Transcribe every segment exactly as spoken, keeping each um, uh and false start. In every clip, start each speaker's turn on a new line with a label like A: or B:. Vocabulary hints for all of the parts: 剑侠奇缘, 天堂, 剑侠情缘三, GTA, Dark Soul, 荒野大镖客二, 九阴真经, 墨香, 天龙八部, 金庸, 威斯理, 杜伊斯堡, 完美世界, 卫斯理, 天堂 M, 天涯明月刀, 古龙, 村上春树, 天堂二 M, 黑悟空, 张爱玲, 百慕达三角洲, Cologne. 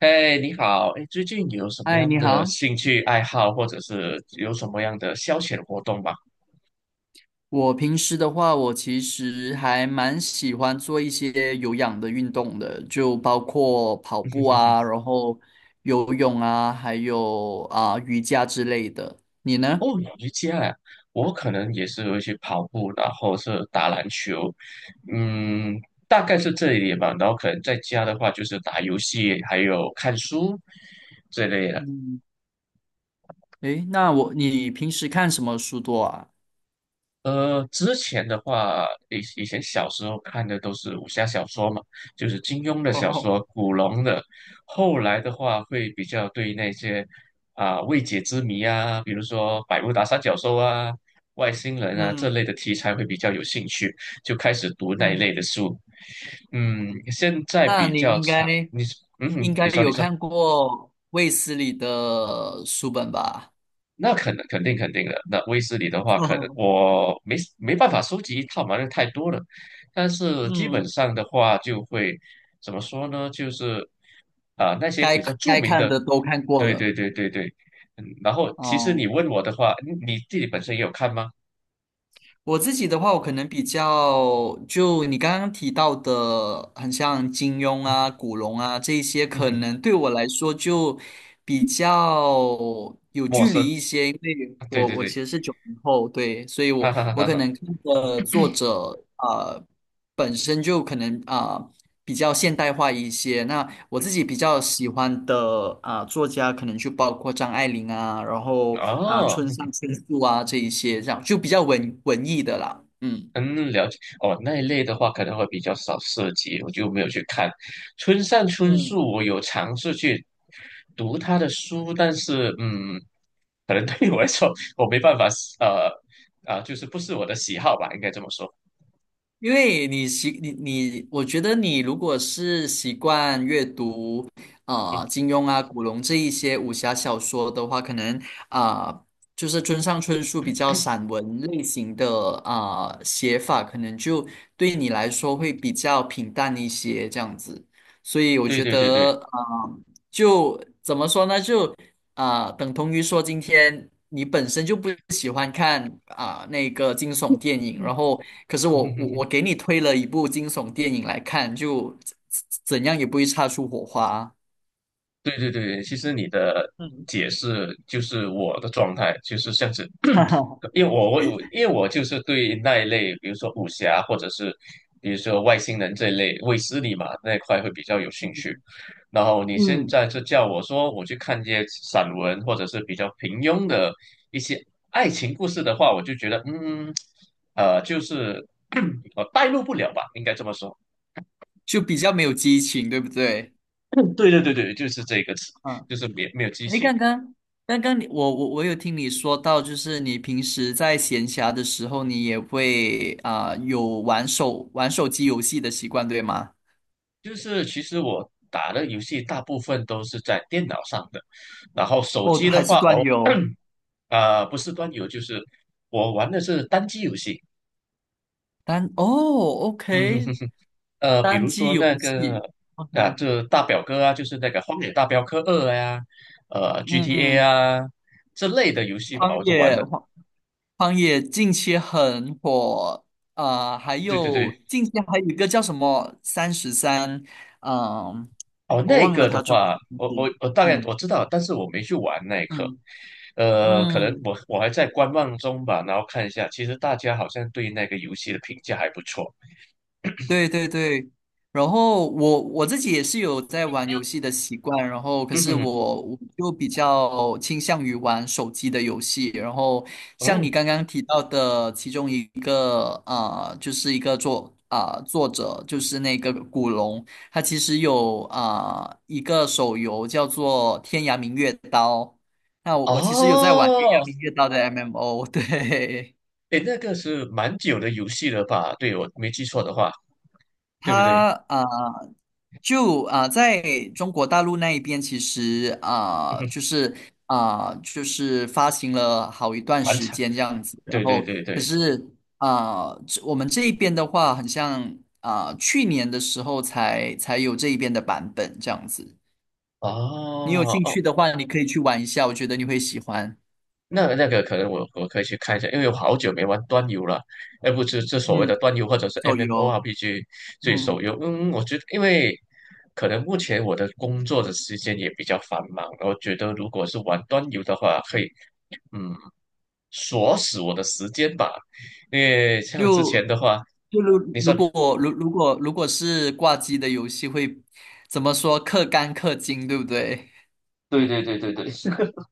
A: 哎，你好，哎，最近有什么
B: 嗨，
A: 样
B: 你
A: 的
B: 好。
A: 兴趣爱好，或者是有什么样的消遣活动吗？
B: 我平时的话，我其实还蛮喜欢做一些有氧的运动的，就包括跑步啊，然后游泳啊，还有啊、瑜伽之类的。你呢？
A: 哦，瑜伽啊，我可能也是会去跑步，然后是打篮球，嗯，大概是这一点吧。然后可能在家的话，就是打游戏，还有看书这类的。
B: 嗯，诶，那我，你平时看什么书多啊？
A: 呃，之前的话，以以前小时候看的都是武侠小说嘛，就是金庸的 小
B: 哦，
A: 说、古龙的。后来的话，会比较对那些啊、未解之谜啊，比如说百慕达三角洲啊、外星人啊这
B: 嗯
A: 类的题材会比较有兴趣，就开始读那一
B: 嗯
A: 类的书。嗯，现 在
B: 那
A: 比
B: 你
A: 较
B: 应该
A: 常，你嗯，
B: 应
A: 你
B: 该
A: 说你
B: 有
A: 说。
B: 看过卫斯理的书本吧？
A: 那肯肯定肯定的。那威斯理的话，可能 我没没办法收集一套嘛，那太多了。但是基本
B: 嗯，
A: 上的话，就会怎么说呢？就是啊、那些
B: 该
A: 比较著
B: 该
A: 名
B: 看
A: 的，
B: 的都看过
A: 对对
B: 了。
A: 对对对。嗯，然后其实你
B: 哦。
A: 问我的话，你你自己本身也有看吗？
B: 我自己的话，我可能比较就你刚刚提到的，很像金庸啊、古龙啊这一些，
A: 嗯
B: 可
A: 哼，
B: 能对我来说就比较有
A: 陌
B: 距离
A: 生。
B: 一些，因为
A: 啊对
B: 我
A: 对
B: 我其
A: 对，
B: 实是九零后，对，所以我
A: 哈哈哈
B: 我
A: 哈
B: 可
A: 哈。
B: 能看的作者啊，本身就可能啊、比较现代化一些。那我自己比较喜欢的啊、作家，可能就包括张爱玲啊，然后啊、
A: 哦，
B: 村上春树啊这一些，这样就比较文文艺的啦。嗯，
A: 嗯，了解哦，那一类的话可能会比较少涉及，我就没有去看。村上春
B: 嗯。
A: 树，我有尝试去读他的书，但是嗯，可能对于我来说，我没办法，呃啊、就是不是我的喜好吧，应该这么说。
B: 因为你习你你，我觉得你如果是习惯阅读，啊金庸啊、古龙这一些武侠小说的话，可能啊、呃就是村上春树比较散文类型的啊、呃写法，可能就对你来说会比较平淡一些这样子。所以我
A: 对
B: 觉
A: 对对对，
B: 得，啊，就怎么说呢，就啊、呃等同于说今天你本身就不喜欢看啊、那个惊悚电影，
A: 嗯
B: 然后可是我我我 给你推了一部惊悚电影来看，就怎怎样也不会擦出火花，
A: 对对对，其实你的
B: 嗯，
A: 解释就是我的状态，就是像是，
B: 哈哈，
A: 因为我我我因为我就是对那一类，比如说武侠或者是比如说外星人这一类卫斯理嘛那一块会比较有兴趣。然后你现
B: 嗯
A: 在就叫我说我去看一些散文或者是比较平庸的一些爱情故事的话，我就觉得嗯呃就是 我带入不了吧，应该这么说。
B: 就比较没有激情，对不对？
A: 嗯对对对对，就是这个词，
B: 嗯，
A: 就是没没有激
B: 诶，
A: 情。
B: 刚刚刚刚你我我我有听你说到，就是你平时在闲暇的时候，你也会啊、有玩手玩手机游戏的习惯，对吗？
A: 就是其实我打的游戏大部分都是在电脑上的，然后手
B: 哦，
A: 机
B: 还
A: 的
B: 是
A: 话，
B: 端
A: 哦，
B: 游
A: 啊、不是端游，就是我玩的是单机游戏，
B: 单哦
A: 嗯，
B: ，OK,
A: 呃，比
B: 单
A: 如
B: 机
A: 说
B: 游
A: 那个
B: 戏
A: 啊，
B: ，OK,
A: 这大表哥啊，就是那个《荒野大镖客二》呀，呃，G T A
B: 嗯，
A: 啊这类的游戏吧，
B: 荒
A: 我都玩
B: 野
A: 的。
B: 荒荒野近期很火，呃，还
A: 对对
B: 有
A: 对，
B: 近期还有一个叫什么三十三，嗯，
A: 哦，
B: 我
A: 那
B: 忘了
A: 个的
B: 他中文
A: 话，
B: 名
A: 我
B: 字，
A: 我我大概我
B: 嗯
A: 知道，但是我没去玩那一刻。
B: 嗯
A: 呃，可能
B: 嗯，
A: 我我还在观望中吧，然后看一下，其实大家好像对那个游戏的评价还不错。
B: 对对对，然后我我自己也是有在玩游戏的习惯，然后可
A: 嗯
B: 是
A: 哼
B: 我我就比较倾向于玩手机的游戏，然后像你
A: 嗯，
B: 刚刚提到的其中一个啊，呃就是一个作啊、作者就是那个古龙，他其实有啊、呃一个手游叫做《天涯明月刀》，那我我其实有在玩《天涯
A: 哦，
B: 明月刀》的 M M O,对。
A: 诶，那个是蛮久的游戏了吧？对，我没记错的话，对不对？
B: 它啊、呃就啊、呃在中国大陆那一边，其实啊、呃就 是啊、呃就是发行了好一段
A: 蛮
B: 时
A: 长，
B: 间这样子。然
A: 对对
B: 后，
A: 对
B: 可
A: 对，
B: 是啊、呃这我们这一边的话，很像啊、呃去年的时候才才有这一边的版本这样子。你有
A: 哦
B: 兴
A: 哦
B: 趣的话，你可以去玩一下，我觉得你会喜欢。
A: 那那个可能我我可以去看一下，因为我好久没玩端游了，而不是这所谓
B: 嗯，
A: 的端游或者是
B: 手游，
A: M M O R P G 这手
B: 嗯。
A: 游。嗯，我觉得因为可能目前我的工作的时间也比较繁忙，我觉得如果是玩端游的话，可以嗯锁死我的时间吧，因为像之前
B: 就
A: 的话，
B: 就如
A: 你说
B: 如果如如果如果是挂机的游戏会怎么说？氪肝氪金，对不对？
A: 对对对对对，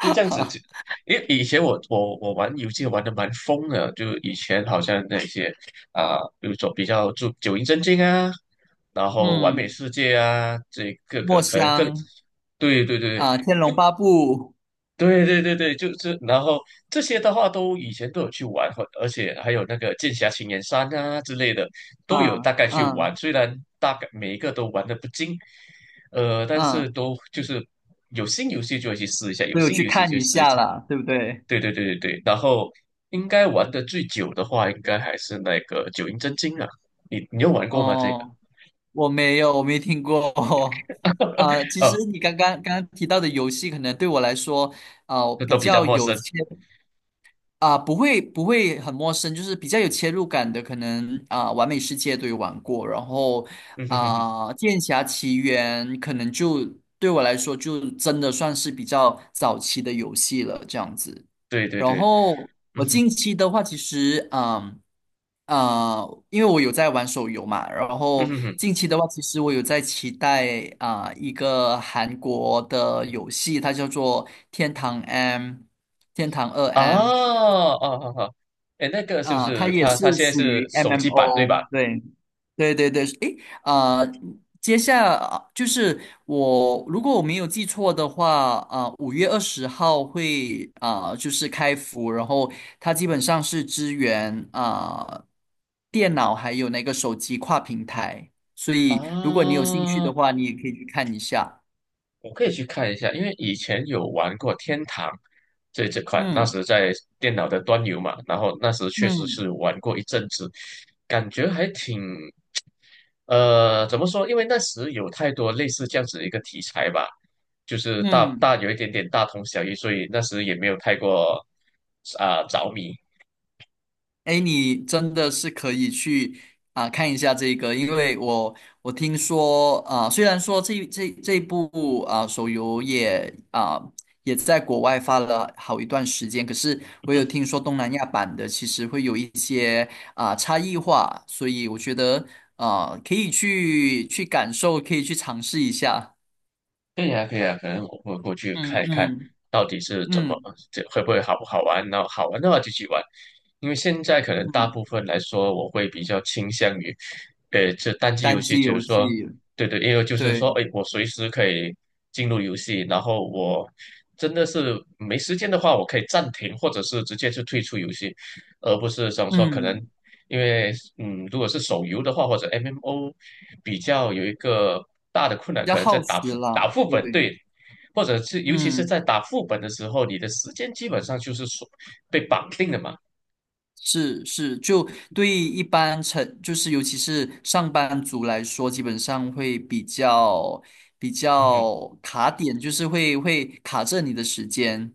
A: 就这 样子。就
B: 哈，
A: 因为以前我我我玩游戏玩的蛮疯的，就以前好像那些啊、比如说比较注九阴真经啊。然后完美
B: 嗯，
A: 世界啊，这各个
B: 墨
A: 可能更，
B: 香
A: 对对对
B: 啊，《天龙八部》
A: 对对对对，对，就是然后这些的话都以前都有去玩，或而且还有那个剑侠情缘三啊之类的都有
B: 啊，
A: 大概去
B: 嗯
A: 玩，虽然大概每一个都玩的不精，呃，但是
B: 嗯，
A: 都就是有新游戏就会去试一下，有
B: 都有
A: 新
B: 去
A: 游戏
B: 看
A: 就
B: 一
A: 试一下，
B: 下了，对不对？
A: 对对对对对，然后应该玩的最久的话，应该还是那个九阴真经啊，你你有玩过吗？这个？
B: 哦，我没有，我没听过。啊，其实
A: 哦，
B: 你刚刚刚刚提到的游戏，可能对我来说，啊，
A: 这
B: 比
A: 都比较
B: 较
A: 陌
B: 有
A: 生。
B: 切啊、不会不会很陌生，就是比较有切入感的，可能啊、完美世界》都有玩过，然后
A: 哼哼哼。
B: 啊、剑侠奇缘》可能就对我来说就真的算是比较早期的游戏了，这样子。
A: 对对
B: 然
A: 对，
B: 后
A: 嗯
B: 我
A: 哼，
B: 近期的话，其实嗯呃，因为我有在玩手游嘛，然
A: 嗯
B: 后
A: 哼哼，
B: 近期的话，其实我有在期待啊、一个韩国的游戏，它叫做《天堂 M》《天堂二
A: 啊，
B: M》。
A: 哦哦哦，哎，那个是不
B: 啊，它
A: 是
B: 也
A: 它？它
B: 是
A: 现在
B: 属于
A: 是手机版对
B: M M O,
A: 吧？
B: 对，对对对，诶，啊，接下啊，就是我，如果我没有记错的话，啊、呃五月二十号会啊、就是开服，然后它基本上是支援啊、电脑还有那个手机跨平台，所以如果你有兴趣的
A: 啊，
B: 话，你也可以去看一下。
A: 我可以去看一下，因为以前有玩过天堂这这款，那
B: 嗯
A: 时在电脑的端游嘛，然后那时确实
B: 嗯
A: 是玩过一阵子，感觉还挺，呃，怎么说？因为那时有太多类似这样子的一个题材吧，就是大
B: 嗯。
A: 大有一点点大同小异，所以那时也没有太过啊、着迷。
B: 哎，你真的是可以去啊、看一下这个，因为我我听说啊、虽然说这这这部啊、手游也啊、也在国外发了好一段时间，可是我有听说东南亚版的其实会有一些啊、差异化，所以我觉得啊、可以去去感受，可以去尝试一下。
A: 可以啊，可以啊，可能我会过去
B: 嗯
A: 看一看，
B: 嗯
A: 到底是怎么，
B: 嗯
A: 这会不会好不好玩？然后好玩的话就去玩，因为现在可能大
B: 嗯，
A: 部分来说，我会比较倾向于，呃，这单机游
B: 单
A: 戏，
B: 机
A: 就是
B: 游戏，
A: 说，对对，因为就是说，
B: 对，
A: 哎，我随时可以进入游戏，然后我真的是没时间的话，我可以暂停，或者是直接就退出游戏，而不是想说可能。
B: 嗯，
A: 因为嗯，如果是手游的话，或者 M M O,比较有一个大的困难，
B: 要
A: 可能在
B: 耗
A: 打
B: 时
A: 副打
B: 了，
A: 副本，
B: 对，
A: 对，或者是尤其是
B: 嗯。
A: 在打副本的时候，你的时间基本上就是说被绑定的嘛，
B: 是是，就对于一般成，就是尤其是上班族来说，基本上会比较比
A: 嗯哼，
B: 较卡点，就是会会卡着你的时间。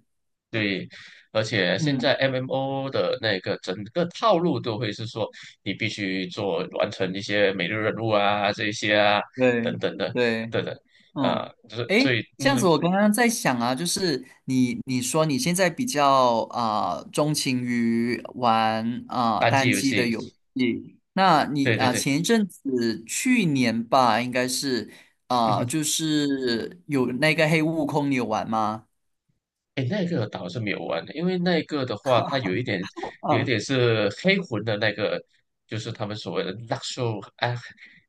A: 对，而且现在
B: 嗯，
A: M M O 的那个整个套路都会是说，你必须做完成一些每日任务啊，这一些啊，等
B: 对
A: 等的，
B: 对。
A: 等等，啊，
B: 嗯，
A: 就是
B: 诶，
A: 所以
B: 这样
A: 嗯，
B: 子，我刚刚在想啊，就是你你说你现在比较啊、呃钟情于玩啊、呃
A: 单机
B: 单
A: 游
B: 机的
A: 戏，
B: 游戏，那你
A: 对
B: 啊、
A: 对
B: 呃
A: 对，
B: 前一阵子去年吧，应该是
A: 嗯
B: 啊、呃
A: 哼。
B: 就是有那个黑悟空，你有玩吗？
A: 哎，那个倒是没有玩的，因为那个的话，它有一点，有一
B: 啊，
A: 点是黑魂的那个，就是他们所谓的 Dark Soul 啊，哎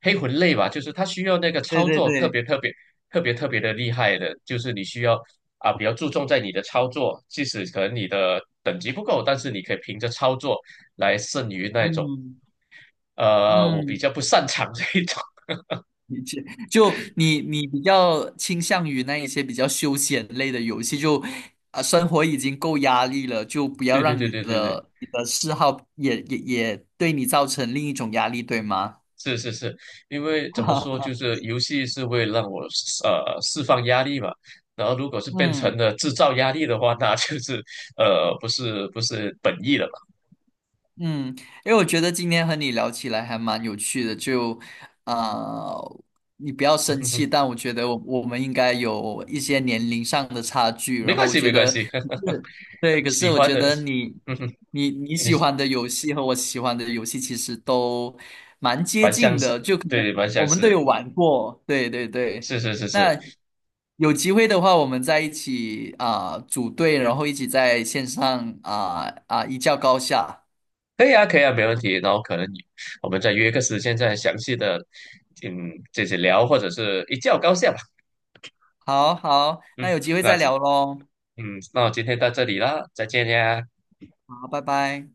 A: 黑魂类吧，就是它需要那个
B: 对
A: 操
B: 对
A: 作特
B: 对，
A: 别特别特别特别的厉害的，就是你需要啊比较注重在你的操作，即使可能你的等级不够，但是你可以凭着操作来胜于那
B: 嗯
A: 种呃我比
B: 嗯。
A: 较不擅长这一种。
B: 理解就你你比较倾向于那一些比较休闲类的游戏，就啊生活已经够压力了，就不 要
A: 对对
B: 让
A: 对
B: 你
A: 对对对。
B: 的你的嗜好也也也对你造成另一种压力，对吗？
A: 是是是，因为怎么说，就 是游戏是为了让我呃释放压力嘛。然后如果是变成
B: 嗯。
A: 了制造压力的话，那就是呃不是不是本意了嘛。
B: 嗯，因为我觉得今天和你聊起来还蛮有趣的，就啊、呃你不要 生
A: 哼哼
B: 气，但我觉得我我们应该有一些年龄上的差距，
A: 没
B: 然后
A: 关
B: 我
A: 系
B: 觉
A: 没关
B: 得
A: 系，
B: 是对，可是
A: 喜
B: 我
A: 欢
B: 觉
A: 的，
B: 得你
A: 嗯哼，
B: 你你
A: 你
B: 喜
A: 是
B: 欢的游戏和我喜欢的游戏其实都蛮接
A: 蛮相
B: 近
A: 似，
B: 的，就可能
A: 对，蛮
B: 我
A: 相
B: 们都
A: 似，
B: 有玩过，对对对。
A: 是是是是，
B: 那有机会的话，我们在一起啊、组队，然后一起在线上啊啊、一较高下。
A: 可以啊可以啊，没问题。然后可能你我们再约个时间再详细的嗯这些聊，或者是一较高下吧。
B: 好好，那
A: 嗯，
B: 有机会
A: 那
B: 再
A: 今
B: 聊喽。
A: 嗯那我今天到这里啦，再见呀。
B: 好，拜拜。